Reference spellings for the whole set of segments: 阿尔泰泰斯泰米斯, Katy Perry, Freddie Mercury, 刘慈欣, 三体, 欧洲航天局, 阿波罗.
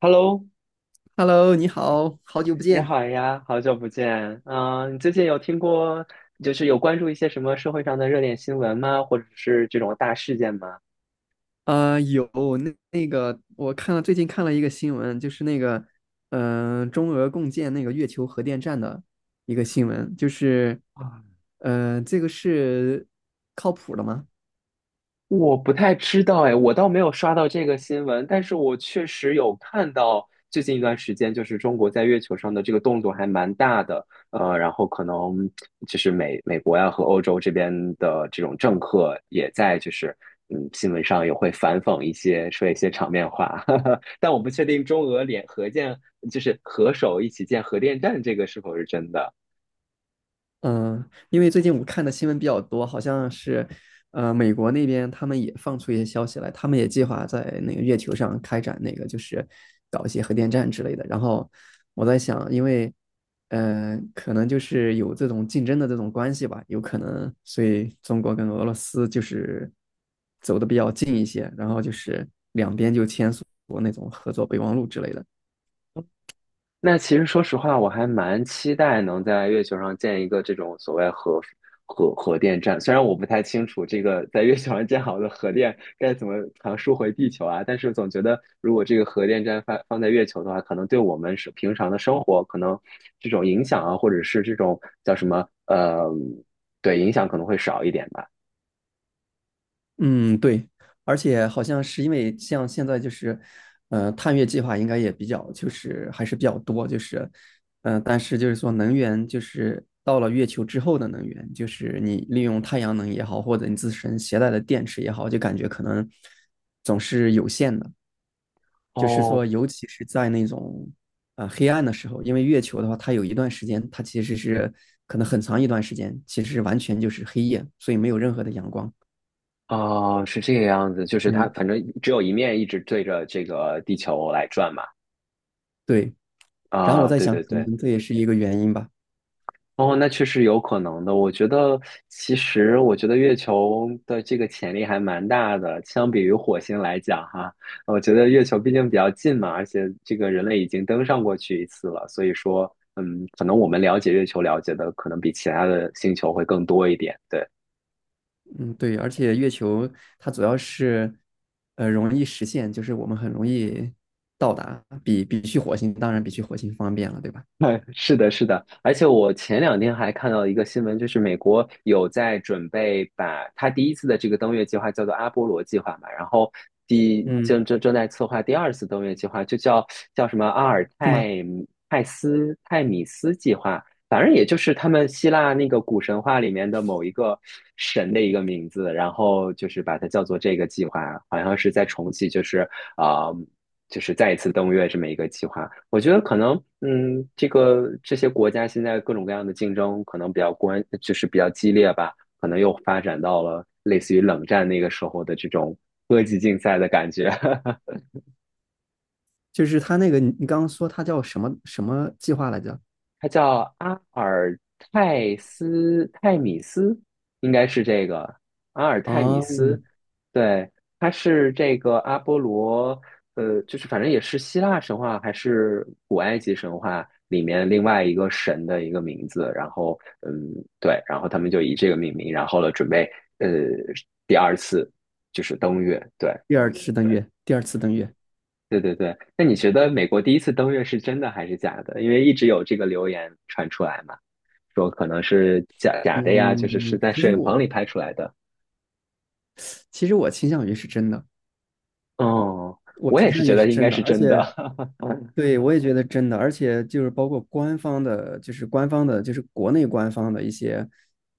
Hello，Hello，你好，好久不你见。好呀，好久不见。嗯、你最近有听过，就是有关注一些什么社会上的热点新闻吗？或者是这种大事件吗？啊，有。那个，我看了最近看了一个新闻，就是那个，中俄共建那个月球核电站的一个新闻，就是，这个是靠谱的吗？我不太知道哎，我倒没有刷到这个新闻，但是我确实有看到最近一段时间，就是中国在月球上的这个动作还蛮大的，然后可能就是美国呀和欧洲这边的这种政客也在就是新闻上也会反讽一些说一些场面话，哈哈。但我不确定中俄联合建就是合手一起建核电站这个是否是真的。嗯，因为最近我看的新闻比较多，好像是，美国那边他们也放出一些消息来，他们也计划在那个月球上开展那个，就是搞一些核电站之类的。然后我在想，因为，可能就是有这种竞争的这种关系吧，有可能，所以中国跟俄罗斯就是走的比较近一些，然后就是两边就签署过那种合作备忘录之类的。那其实说实话，我还蛮期待能在月球上建一个这种所谓核电站。虽然我不太清楚这个在月球上建好的核电该怎么传输回地球啊，但是总觉得如果这个核电站放在月球的话，可能对我们是平常的生活可能这种影响啊，或者是这种叫什么对影响可能会少一点吧。嗯，对，而且好像是因为像现在就是，探月计划应该也比较就是还是比较多，就是，但是就是说能源就是到了月球之后的能源，就是你利用太阳能也好，或者你自身携带的电池也好，就感觉可能总是有限的，就是说哦，尤其是在那种黑暗的时候，因为月球的话，它有一段时间它其实是可能很长一段时间，其实完全就是黑夜，所以没有任何的阳光。哦，是这个样子，就是它嗯，反正只有一面一直对着这个地球来转嘛。对。然后我啊，在对想，对可对。能这也是一个原因吧。哦，那确实有可能的。我觉得，其实我觉得月球的这个潜力还蛮大的，相比于火星来讲，哈，我觉得月球毕竟比较近嘛，而且这个人类已经登上过去一次了，所以说，可能我们了解月球了解的可能比其他的星球会更多一点。对。嗯，对，而且月球它主要是，容易实现，就是我们很容易到达，比去火星，当然比去火星方便了，对吧？哎，是的，是的，而且我前两天还看到一个新闻，就是美国有在准备把它第一次的这个登月计划叫做阿波罗计划嘛，然后第嗯，正正正在策划第二次登月计划，就叫什么阿尔是吗？泰泰斯泰米斯计划，反正也就是他们希腊那个古神话里面的某一个神的一个名字，然后就是把它叫做这个计划，好像是在重启，就是啊。就是再一次登月这么一个计划。我觉得可能，这些国家现在各种各样的竞争可能比较关，就是比较激烈吧，可能又发展到了类似于冷战那个时候的这种科技竞赛的感觉。就是它那个，你刚刚说它叫什么什么计划来着？它叫阿尔泰斯泰米斯，应该是这个阿尔泰米哦，斯。对，它是这个阿波罗，就是反正也是希腊神话还是古埃及神话里面另外一个神的一个名字。然后，对，然后他们就以这个命名，然后呢，准备呃第二次就是登月。对，第二次登月，第二次登月。对对对。那你觉得美国第一次登月是真的还是假的？因为一直有这个流言传出来嘛。说可能是假的呀，就是嗯，在其摄实影棚里我拍出来的。其实我倾向于是真的，哦，我我倾也是向觉于是得应真该的，是而真的。且 对，我也觉得真的，而且就是包括官方的，就是官方的，就是国内官方的一些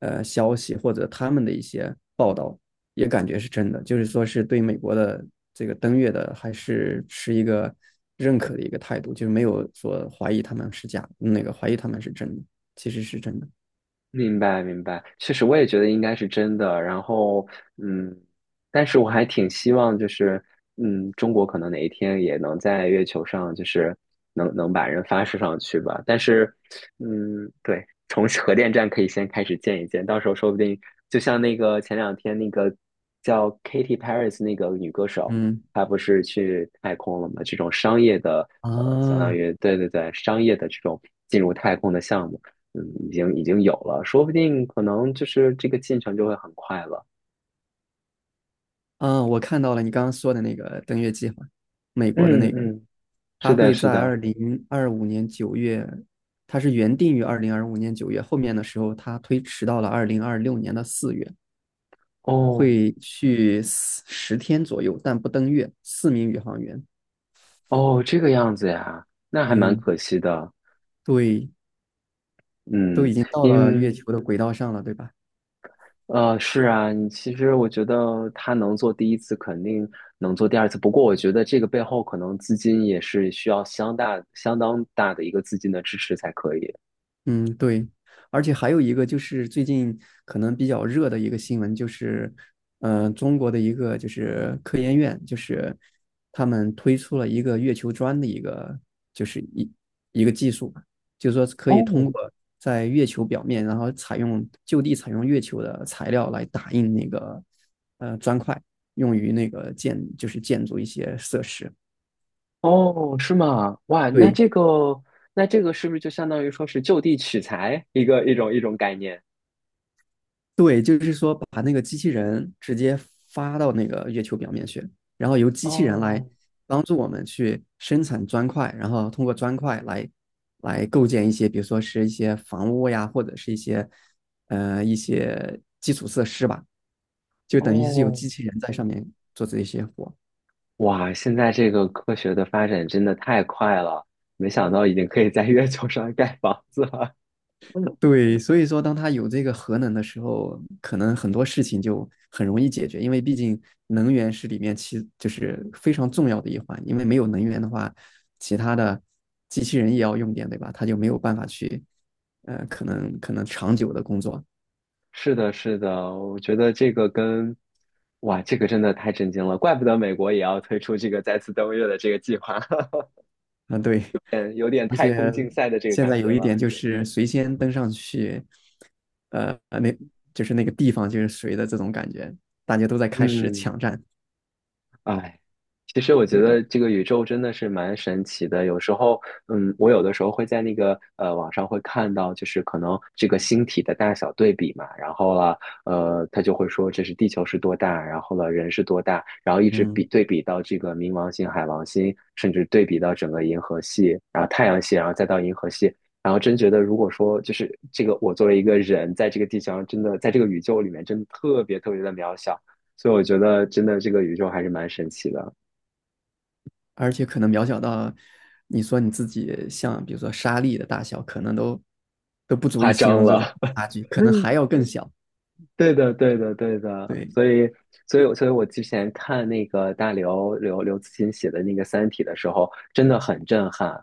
消息或者他们的一些报道，也感觉是真的，就是说是对美国的这个登月的还是持一个认可的一个态度，就是没有说怀疑他们是假，那个怀疑他们是真的，其实是真的。明白，明白，确实我也觉得应该是真的。然后，嗯，但是我还挺希望，就是，中国可能哪一天也能在月球上，就是能把人发射上去吧。但是，对，从核电站可以先开始建一建，到时候说不定就像那个前两天那个叫 Katy Perry 那个女歌手，嗯她不是去太空了吗？这种商业的，相当啊于对对对，商业的这种进入太空的项目。嗯，已经有了，说不定可能就是这个进程就会很快了。我看到了你刚刚说的那个登月计划，美国的嗯那个。嗯，是它的，会是在的。二零二五年九月，它是原定于二零二五年九月，后面的时候它推迟到了2026年的四月，哦会去10天左右，但不登月。四名宇航员，哦，这个样子呀，那还蛮嗯，可惜的。对，都已嗯，经到了月因球的轨道上了，对吧？是啊，你其实我觉得他能做第一次，肯定能做第二次。不过我觉得这个背后可能资金也是需要相当大的一个资金的支持才可以。嗯，对，而且还有一个就是最近可能比较热的一个新闻，就是，中国的一个就是科研院，就是他们推出了一个月球砖的一个就是一个技术吧，就是说可以哦，通过在月球表面，然后就地采用月球的材料来打印那个砖块，用于那个就是建筑一些设施。哦，是吗？哇，那对，这个，是不是就相当于说是就地取材一种概念？对，就是说把那个机器人直接发到那个月球表面去，然后由机器人来哦帮助我们去生产砖块，然后通过砖块来构建一些，比如说是一些房屋呀，或者是一些基础设施吧，就等于是有哦，机器人在上面做这些活。哇，现在这个科学的发展真的太快了，没想到已经可以在月球上盖房子了。嗯对，所以说，当他有这个核能的时候，可能很多事情就很容易解决，因为毕竟能源是里面就是非常重要的一环，因为没有能源的话，其他的机器人也要用电，对吧？他就没有办法去，可能长久的工作是的，是的，我觉得这个跟，哇，这个真的太震惊了，怪不得美国也要推出这个再次登月的这个计划，啊，对，嗯有点而太且空竞赛的这个现感在有觉一了。点就是谁先登上去，呃，那就是那个地方就是谁的这种感觉，大家都在开始嗯。抢占，哎，其实我觉对，得这个宇宙真的是蛮神奇的。有时候，我有的时候会在那个网上会看到，就是可能这个星体的大小对比嘛，然后了，他就会说这是地球是多大，然后了人是多大，然后一直嗯。对比到这个冥王星、海王星，甚至对比到整个银河系，然后太阳系，然后再到银河系。然后真觉得，如果说就是这个，我作为一个人，在这个地球上，真的在这个宇宙里面，真的特别特别的渺小。所以我觉得真的这个宇宙还是蛮神奇的，而且可能渺小到你说你自己像比如说沙粒的大小，可能都不足夸以形张容这种了。差距，可能嗯，还要更小。对的，对的，对的。对，所以我之前看那个大刘刘慈欣写的那个《三体》的时候，真的很震撼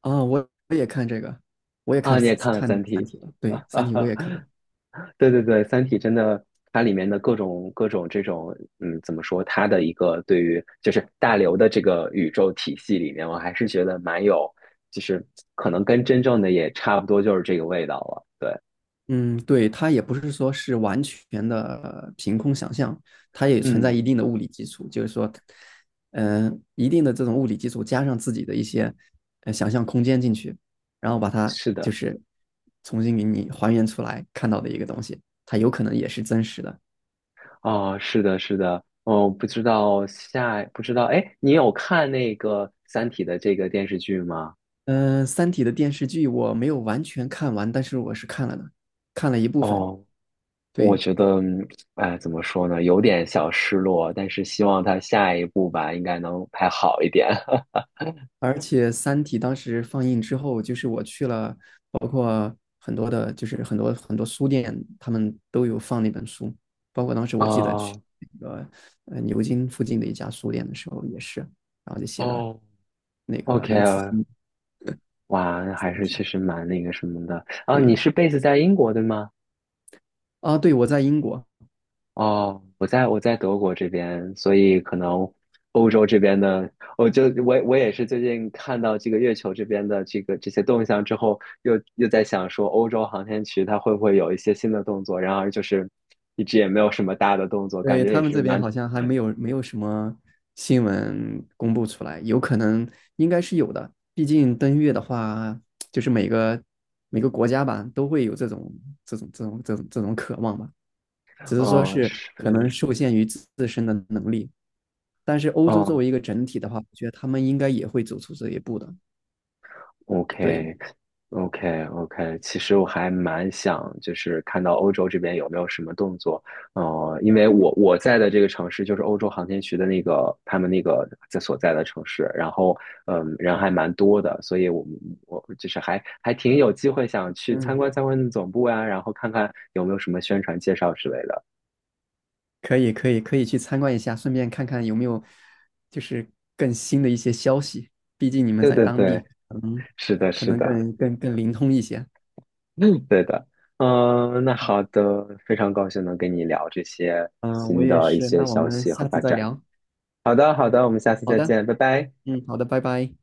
啊，我也看这个，我也看啊！你也看了看《三《三体》体》了。对，啊？《三体》我也看，对对对，《三体》真的，它里面的各种各种这种，怎么说？它的一个对于就是大刘的这个宇宙体系里面，我还是觉得蛮有，就是可能跟真正的也差不多，就是这个味道了。对，嗯，对，它也不是说是完全的凭空想象，它也存在一嗯。定的物理基础，就是说，一定的这种物理基础加上自己的一些想象空间进去，然后把它是就的，是重新给你还原出来看到的一个东西，它有可能也是真实的。哦，是的，是的，哦，不知道，哎，你有看那个《三体》的这个电视剧吗？嗯、三体》的电视剧我没有完全看完，但是我是看了的，看了一部分。哦，我对，觉得，哎，怎么说呢，有点小失落，但是希望他下一部吧，应该能拍好一点。而且《三体》当时放映之后，就是我去了，包括很多的，就是很多很多书店，他们都有放那本书。包括当时我记得哦，去那个牛津附近的一家书店的时候也是，然后就写的哦那个，OK，刘慈欣。哇，那还是确实蛮那个什么的。啊，你对，是贝斯在英国对吗？啊，对，我在英国，哦，我在德国这边，所以可能欧洲这边的，我就我我也是最近看到这个月球这边的这个这些动向之后，又在想说，欧洲航天局它会不会有一些新的动作？然而就是一直也没有什么大的动作，感对，觉也他们是这边蛮，好像还没有什么新闻公布出来，有可能应该是有的。毕竟登月的话，就是每个国家吧都会有这种渴望吧，只是说嗯，是是，可能嗯。受限于自身的能力。但是欧洲作哦 为一个整体的话，我觉得他们应该也会走出这一步的。o 对，k o k o k 其实我还蛮想，就是看到欧洲这边有没有什么动作，因为我在的这个城市就是欧洲航天局的那个他们那个所在的城市，然后人还蛮多的，所以我就是还挺有机会想去参观嗯。参观总部呀，然后看看有没有什么宣传介绍之类的。可以可以可以去参观一下，顺便看看有没有就是更新的一些消息。毕竟你们对在对当对，地，嗯，是的，可是能的。更灵通一些。对的，那好的，非常高兴能跟你聊这些嗯、我新也的一是。些那我消们息和下发次再展。聊。好的，好的，我们下次好再的，见，拜拜。嗯，好的，拜拜。